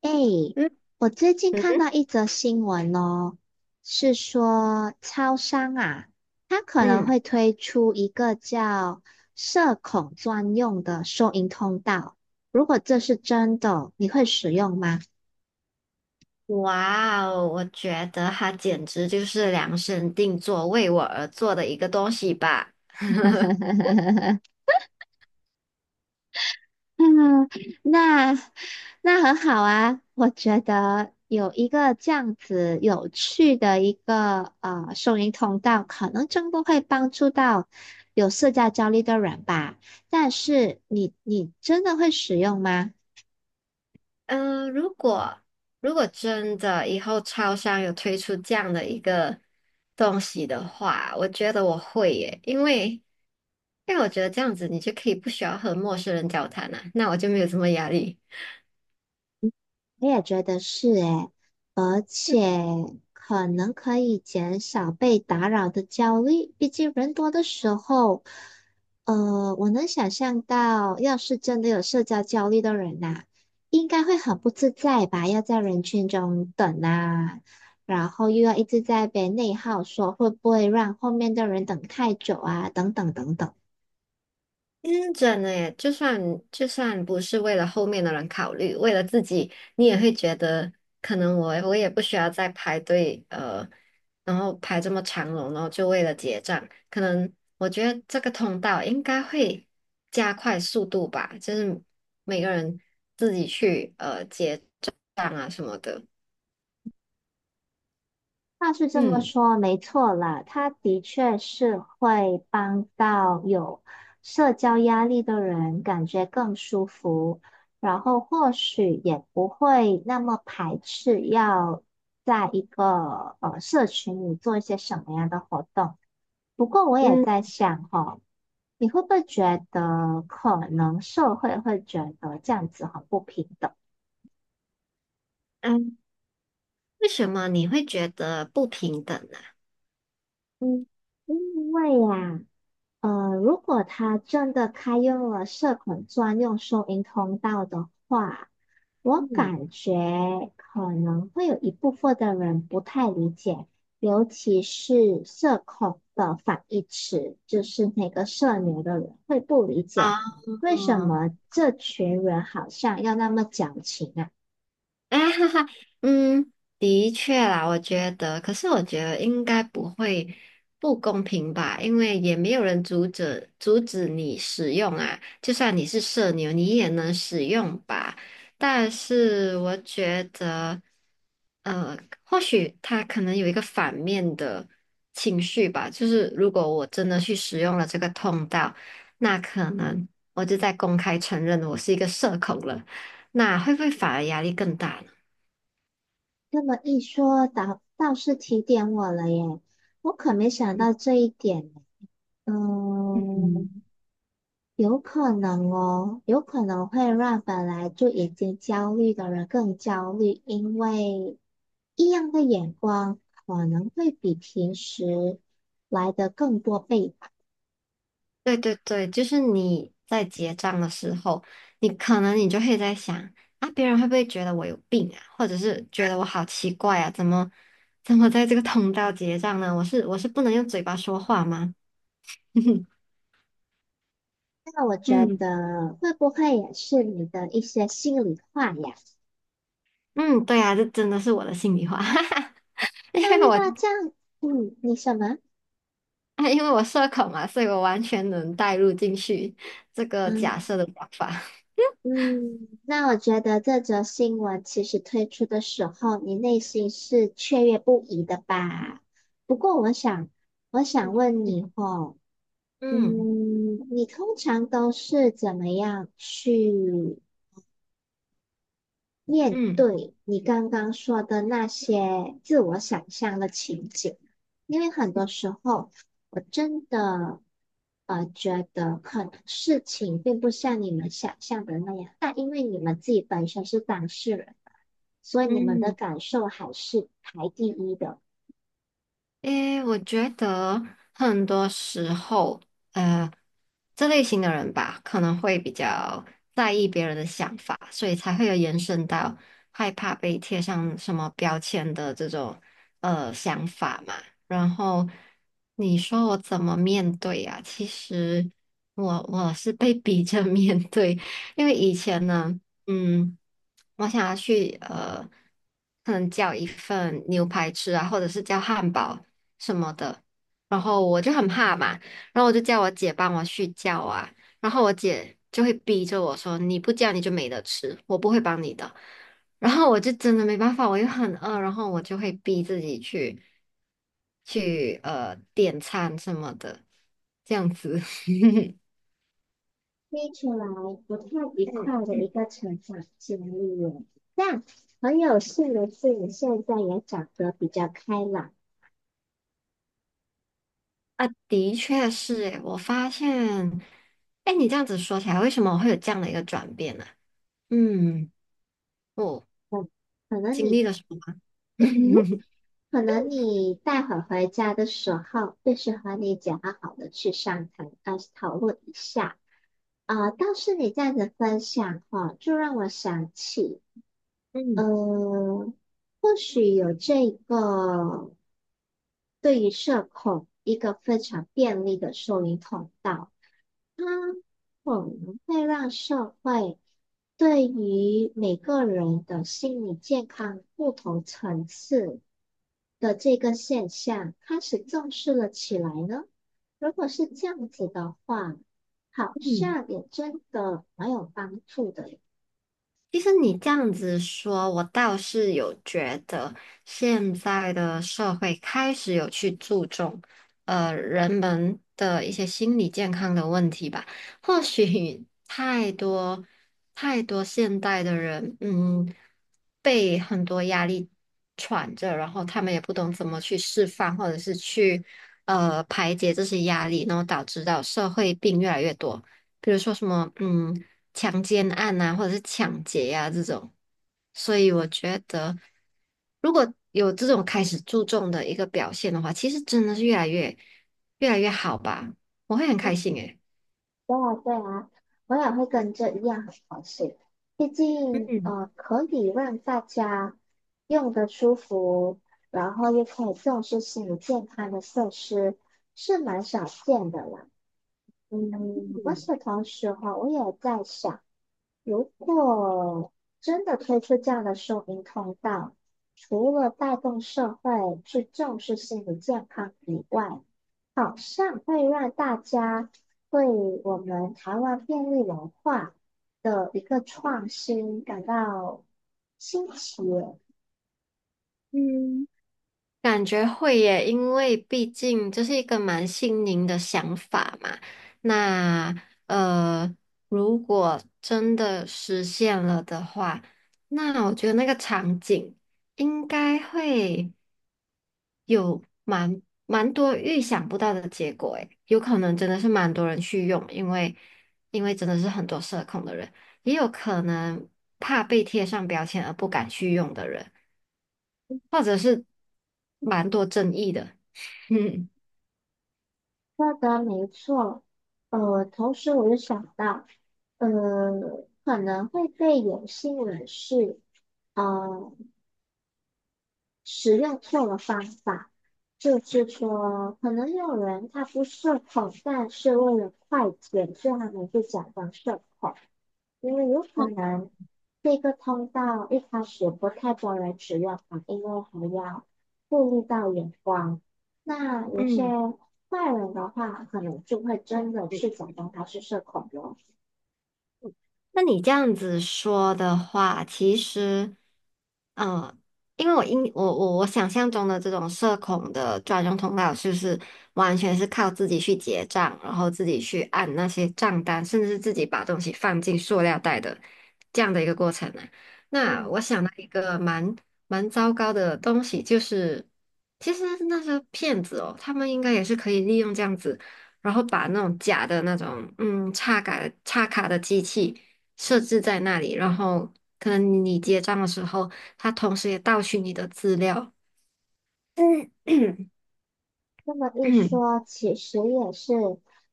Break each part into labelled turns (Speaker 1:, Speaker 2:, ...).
Speaker 1: 哎，
Speaker 2: 嗯
Speaker 1: 我最近看
Speaker 2: 嗯
Speaker 1: 到一则新闻哦，是说超商啊，它可能
Speaker 2: 嗯，
Speaker 1: 会推出一个叫社恐专用的收银通道。如果这是真的，你会使用吗？
Speaker 2: 哇哦！我觉得它简直就是量身定做为我而做的一个东西吧。
Speaker 1: 嗯，那那很好啊，我觉得有一个这样子有趣的一个收银通道，可能真的会帮助到有社交焦虑的人吧。但是你真的会使用吗？
Speaker 2: 嗯，如果真的以后超商有推出这样的一个东西的话，我觉得我会耶，因为我觉得这样子你就可以不需要和陌生人交谈了，那我就没有什么压力。
Speaker 1: 我也觉得是诶，而且可能可以减少被打扰的焦虑。毕竟人多的时候，我能想象到，要是真的有社交焦虑的人呐，应该会很不自在吧？要在人群中等啊，然后又要一直在被内耗说，会不会让后面的人等太久啊？等等等等。
Speaker 2: 嗯，真的耶，就算不是为了后面的人考虑，为了自己，你也会觉得可能我也不需要再排队，然后排这么长龙，然后就为了结账，可能我觉得这个通道应该会加快速度吧，就是每个人自己去结账啊什么的。
Speaker 1: 话是这么
Speaker 2: 嗯
Speaker 1: 说，没错啦，他的确是会帮到有社交压力的人感觉更舒服，然后或许也不会那么排斥要在一个社群里做一些什么样的活动。不过我也
Speaker 2: 嗯
Speaker 1: 在想哦，你会不会觉得可能社会会觉得这样子很不平等？
Speaker 2: 嗯，为什么你会觉得不平等呢？
Speaker 1: 嗯，因为呀。如果他真的开用了社恐专用收银通道的话，我
Speaker 2: 嗯。
Speaker 1: 感觉可能会有一部分的人不太理解，尤其是社恐的反义词，就是那个社牛的人会不理解，
Speaker 2: 啊，
Speaker 1: 为什么这群人好像要那么矫情啊？
Speaker 2: 啊哈哈，嗯，的确啦，我觉得，可是我觉得应该不会不公平吧，因为也没有人阻止你使用啊，就算你是社牛，你也能使用吧。但是我觉得，呃，或许他可能有一个反面的情绪吧，就是如果我真的去使用了这个通道，那可能我就在公开承认我是一个社恐了，那会不会反而压力更大呢？
Speaker 1: 那么一说，倒是提点我了耶，我可没想
Speaker 2: 嗯，
Speaker 1: 到这一点呢。嗯。
Speaker 2: 嗯
Speaker 1: 有可能哦，有可能会让本来就已经焦虑的人更焦虑，因为异样的眼光可能会比平时来的更多倍吧。
Speaker 2: 对对对，就是你在结账的时候，你可能就会在想啊，别人会不会觉得我有病啊，或者是觉得我好奇怪啊，怎么在这个通道结账呢？我是不能用嘴巴说话吗？
Speaker 1: 那我觉
Speaker 2: 嗯
Speaker 1: 得会不会也是你的一些心里话呀？
Speaker 2: 嗯，对啊，这真的是我的心里话，因
Speaker 1: 那
Speaker 2: 为
Speaker 1: 遇
Speaker 2: 我
Speaker 1: 到这样，嗯，你什么？
Speaker 2: 啊因为我社恐嘛，所以我完全能带入进去这个假
Speaker 1: 嗯。
Speaker 2: 设的想法。
Speaker 1: 嗯，那我觉得这则新闻其实推出的时候，你内心是雀跃不已的吧？不过我想，我 想
Speaker 2: 嗯
Speaker 1: 问你哦，嗯，
Speaker 2: 嗯
Speaker 1: 你通常都是怎么样去？面
Speaker 2: 嗯
Speaker 1: 对你刚刚说的那些自我想象的情景，因为很多时候我真的觉得很能事情并不像你们想象的那样，但因为你们自己本身是当事人，所以你们的
Speaker 2: 嗯。
Speaker 1: 感受还是排第一的，
Speaker 2: 诶，我觉得很多时候，呃，这类型的人吧，可能会比较在意别人的想法，所以才会有延伸到害怕被贴上什么标签的这种想法嘛。然后你说我怎么面对呀、其实我是被逼着 面对，因为以前呢，嗯，我想要去可能叫一份牛排吃啊，或者是叫汉堡。什么的，然后我就很怕嘛，然后我就叫我姐帮我去叫啊，然后我姐就会逼着我说你不叫你就没得吃，我不会帮你的，然后我就真的没办法，我又很饿，然后我就会逼自己去点餐什么的，这样子。
Speaker 1: 听起来不太愉
Speaker 2: 嗯
Speaker 1: 快的一
Speaker 2: 嗯
Speaker 1: 个成长经历耶。但很有幸的是，你现在也长得比较开朗。
Speaker 2: 啊，的确是诶，我发现，哎，你这样子说起来，为什么我会有这样的一个转变呢？嗯，我
Speaker 1: 嗯，可能
Speaker 2: 经
Speaker 1: 你。
Speaker 2: 历了什么吗？
Speaker 1: 可能你待会儿回家的时候，就是和你讲好的去商谈，讨论一下。啊，倒是你这样子分享哈，就让我想起，呃，
Speaker 2: 嗯
Speaker 1: 或许有这个对于社恐一个非常便利的收银通道。我们会让社会对于每个人的心理健康不同层次的这个现象开始重视了起来呢？如果是这样子的话，好
Speaker 2: 嗯，
Speaker 1: 像也真的蛮有帮助的。
Speaker 2: 其实你这样子说，我倒是有觉得现在的社会开始有去注重，人们的一些心理健康的问题吧。或许太多现代的人，嗯，被很多压力喘着，然后他们也不懂怎么去释放，或者是去排解这些压力，然后导致到社会病越来越多。比如说什么，嗯。强奸案啊，或者是抢劫啊这种。所以我觉得，如果有这种开始注重的一个表现的话，其实真的是越来越好吧。我会很开心诶。
Speaker 1: 对啊，对啊，我也会跟这一样很高兴。毕竟，
Speaker 2: 嗯。
Speaker 1: 可以让大家用的舒服，然后又可以重视心理健康的设施，是蛮少见的啦。嗯，我是同时哈，我也在想。如果真的推出这样的收银通道，除了带动社会去重视心理健康以外，好像会让大家对我们台湾便利文化的一个创新感到新奇。
Speaker 2: 嗯感觉会耶，因为毕竟这是一个蛮新颖的想法嘛。那呃，如果真的实现了的话，那我觉得那个场景应该会。有蛮多预想不到的结果，诶，有可能真的是蛮多人去用，因为真的是很多社恐的人，也有可能怕被贴上标签而不敢去用的人，或者是蛮多争议的，嗯。
Speaker 1: 说的没错，同时我又想到，呃，可能会被有心人士。呃，使用错了方法，就是说，可能有人他不社恐，但是为了快捷，所以他们就假装社恐，因为有可能这个通道一开始不太多人使用啊，因为还要顾虑到眼光。那有些
Speaker 2: 嗯。
Speaker 1: 坏人的话，可能就会真的去假装他是社恐了。
Speaker 2: 那你这样子说的话，其实，呃，因为我因我我我想象中的这种社恐的专用通道，就是完全是靠自己去结账，然后自己去按那些账单，甚至是自己把东西放进塑料袋的这样的一个过程呢。那
Speaker 1: 嗯，
Speaker 2: 我想到一个蛮糟糕的东西，就是其实那些骗子哦，他们应该也是可以利用这样子。然后把那种假的那种嗯插卡的机器，设置在那里，然后可能你结账的时候，他同时也盗取你的资料。嗯
Speaker 1: 这么一
Speaker 2: 嗯
Speaker 1: 说，其实也是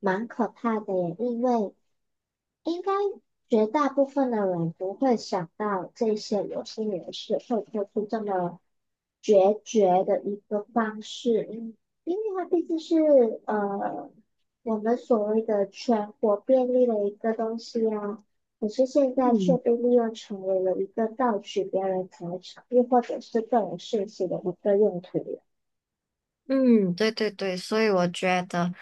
Speaker 1: 蛮可怕的耶，因为。应该绝大部分的人不会想到这些有心人士会做出这么决绝的一个方式，因为它毕竟是呃我们所谓的全国便利的一个东西啊，可是现在却被利用成为了一个盗取别人财产，又或者是个人信息的一个用途。
Speaker 2: 嗯，对对对，所以我觉得，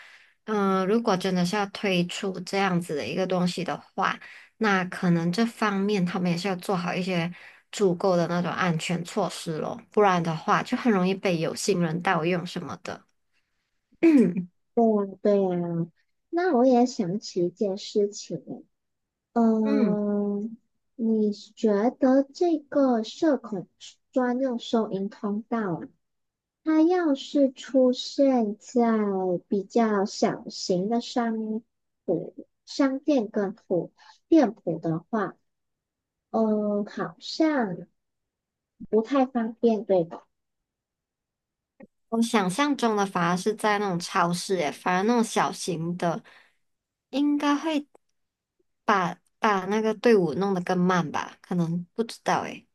Speaker 2: 嗯、如果真的是要推出这样子的一个东西的话，那可能这方面他们也是要做好一些足够的那种安全措施咯，不然的话就很容易被有心人盗用什么的。
Speaker 1: 对呀，对呀。那我也想起一件事情，
Speaker 2: 嗯。
Speaker 1: 嗯，你觉得这个社恐专用收银通道啊它要是出现在比较小型的商铺、商店跟铺店铺的话，嗯，好像不太方便，对吧？
Speaker 2: 我想象中的反而是在那种超市，诶，反而那种小型的，应该会把那个队伍弄得更慢吧？可能不知道，诶。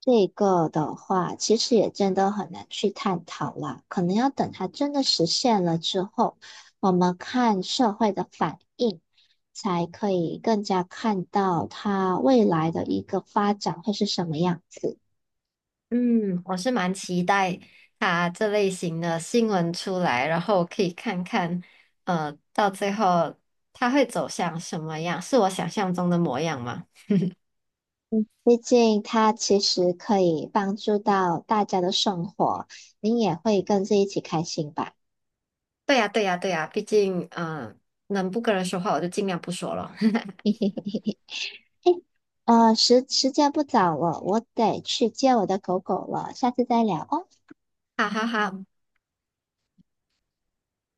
Speaker 1: 这个的话，其实也真的很难去探讨啦，可能要等它真的实现了之后，我们看社会的反应，才可以更加看到它未来的一个发展会是什么样子。
Speaker 2: 嗯，我是蛮期待它这类型的新闻出来，然后可以看看，到最后它会走向什么样？是我想象中的模样吗？
Speaker 1: 毕竟它其实可以帮助到大家的生活，你也会跟着一起开心吧。
Speaker 2: 对呀，对呀，对呀，毕竟，嗯、能不跟人说话我就尽量不说了。
Speaker 1: 时间不早了，我得去接我的狗狗了，下次再聊哦。
Speaker 2: 哈哈哈，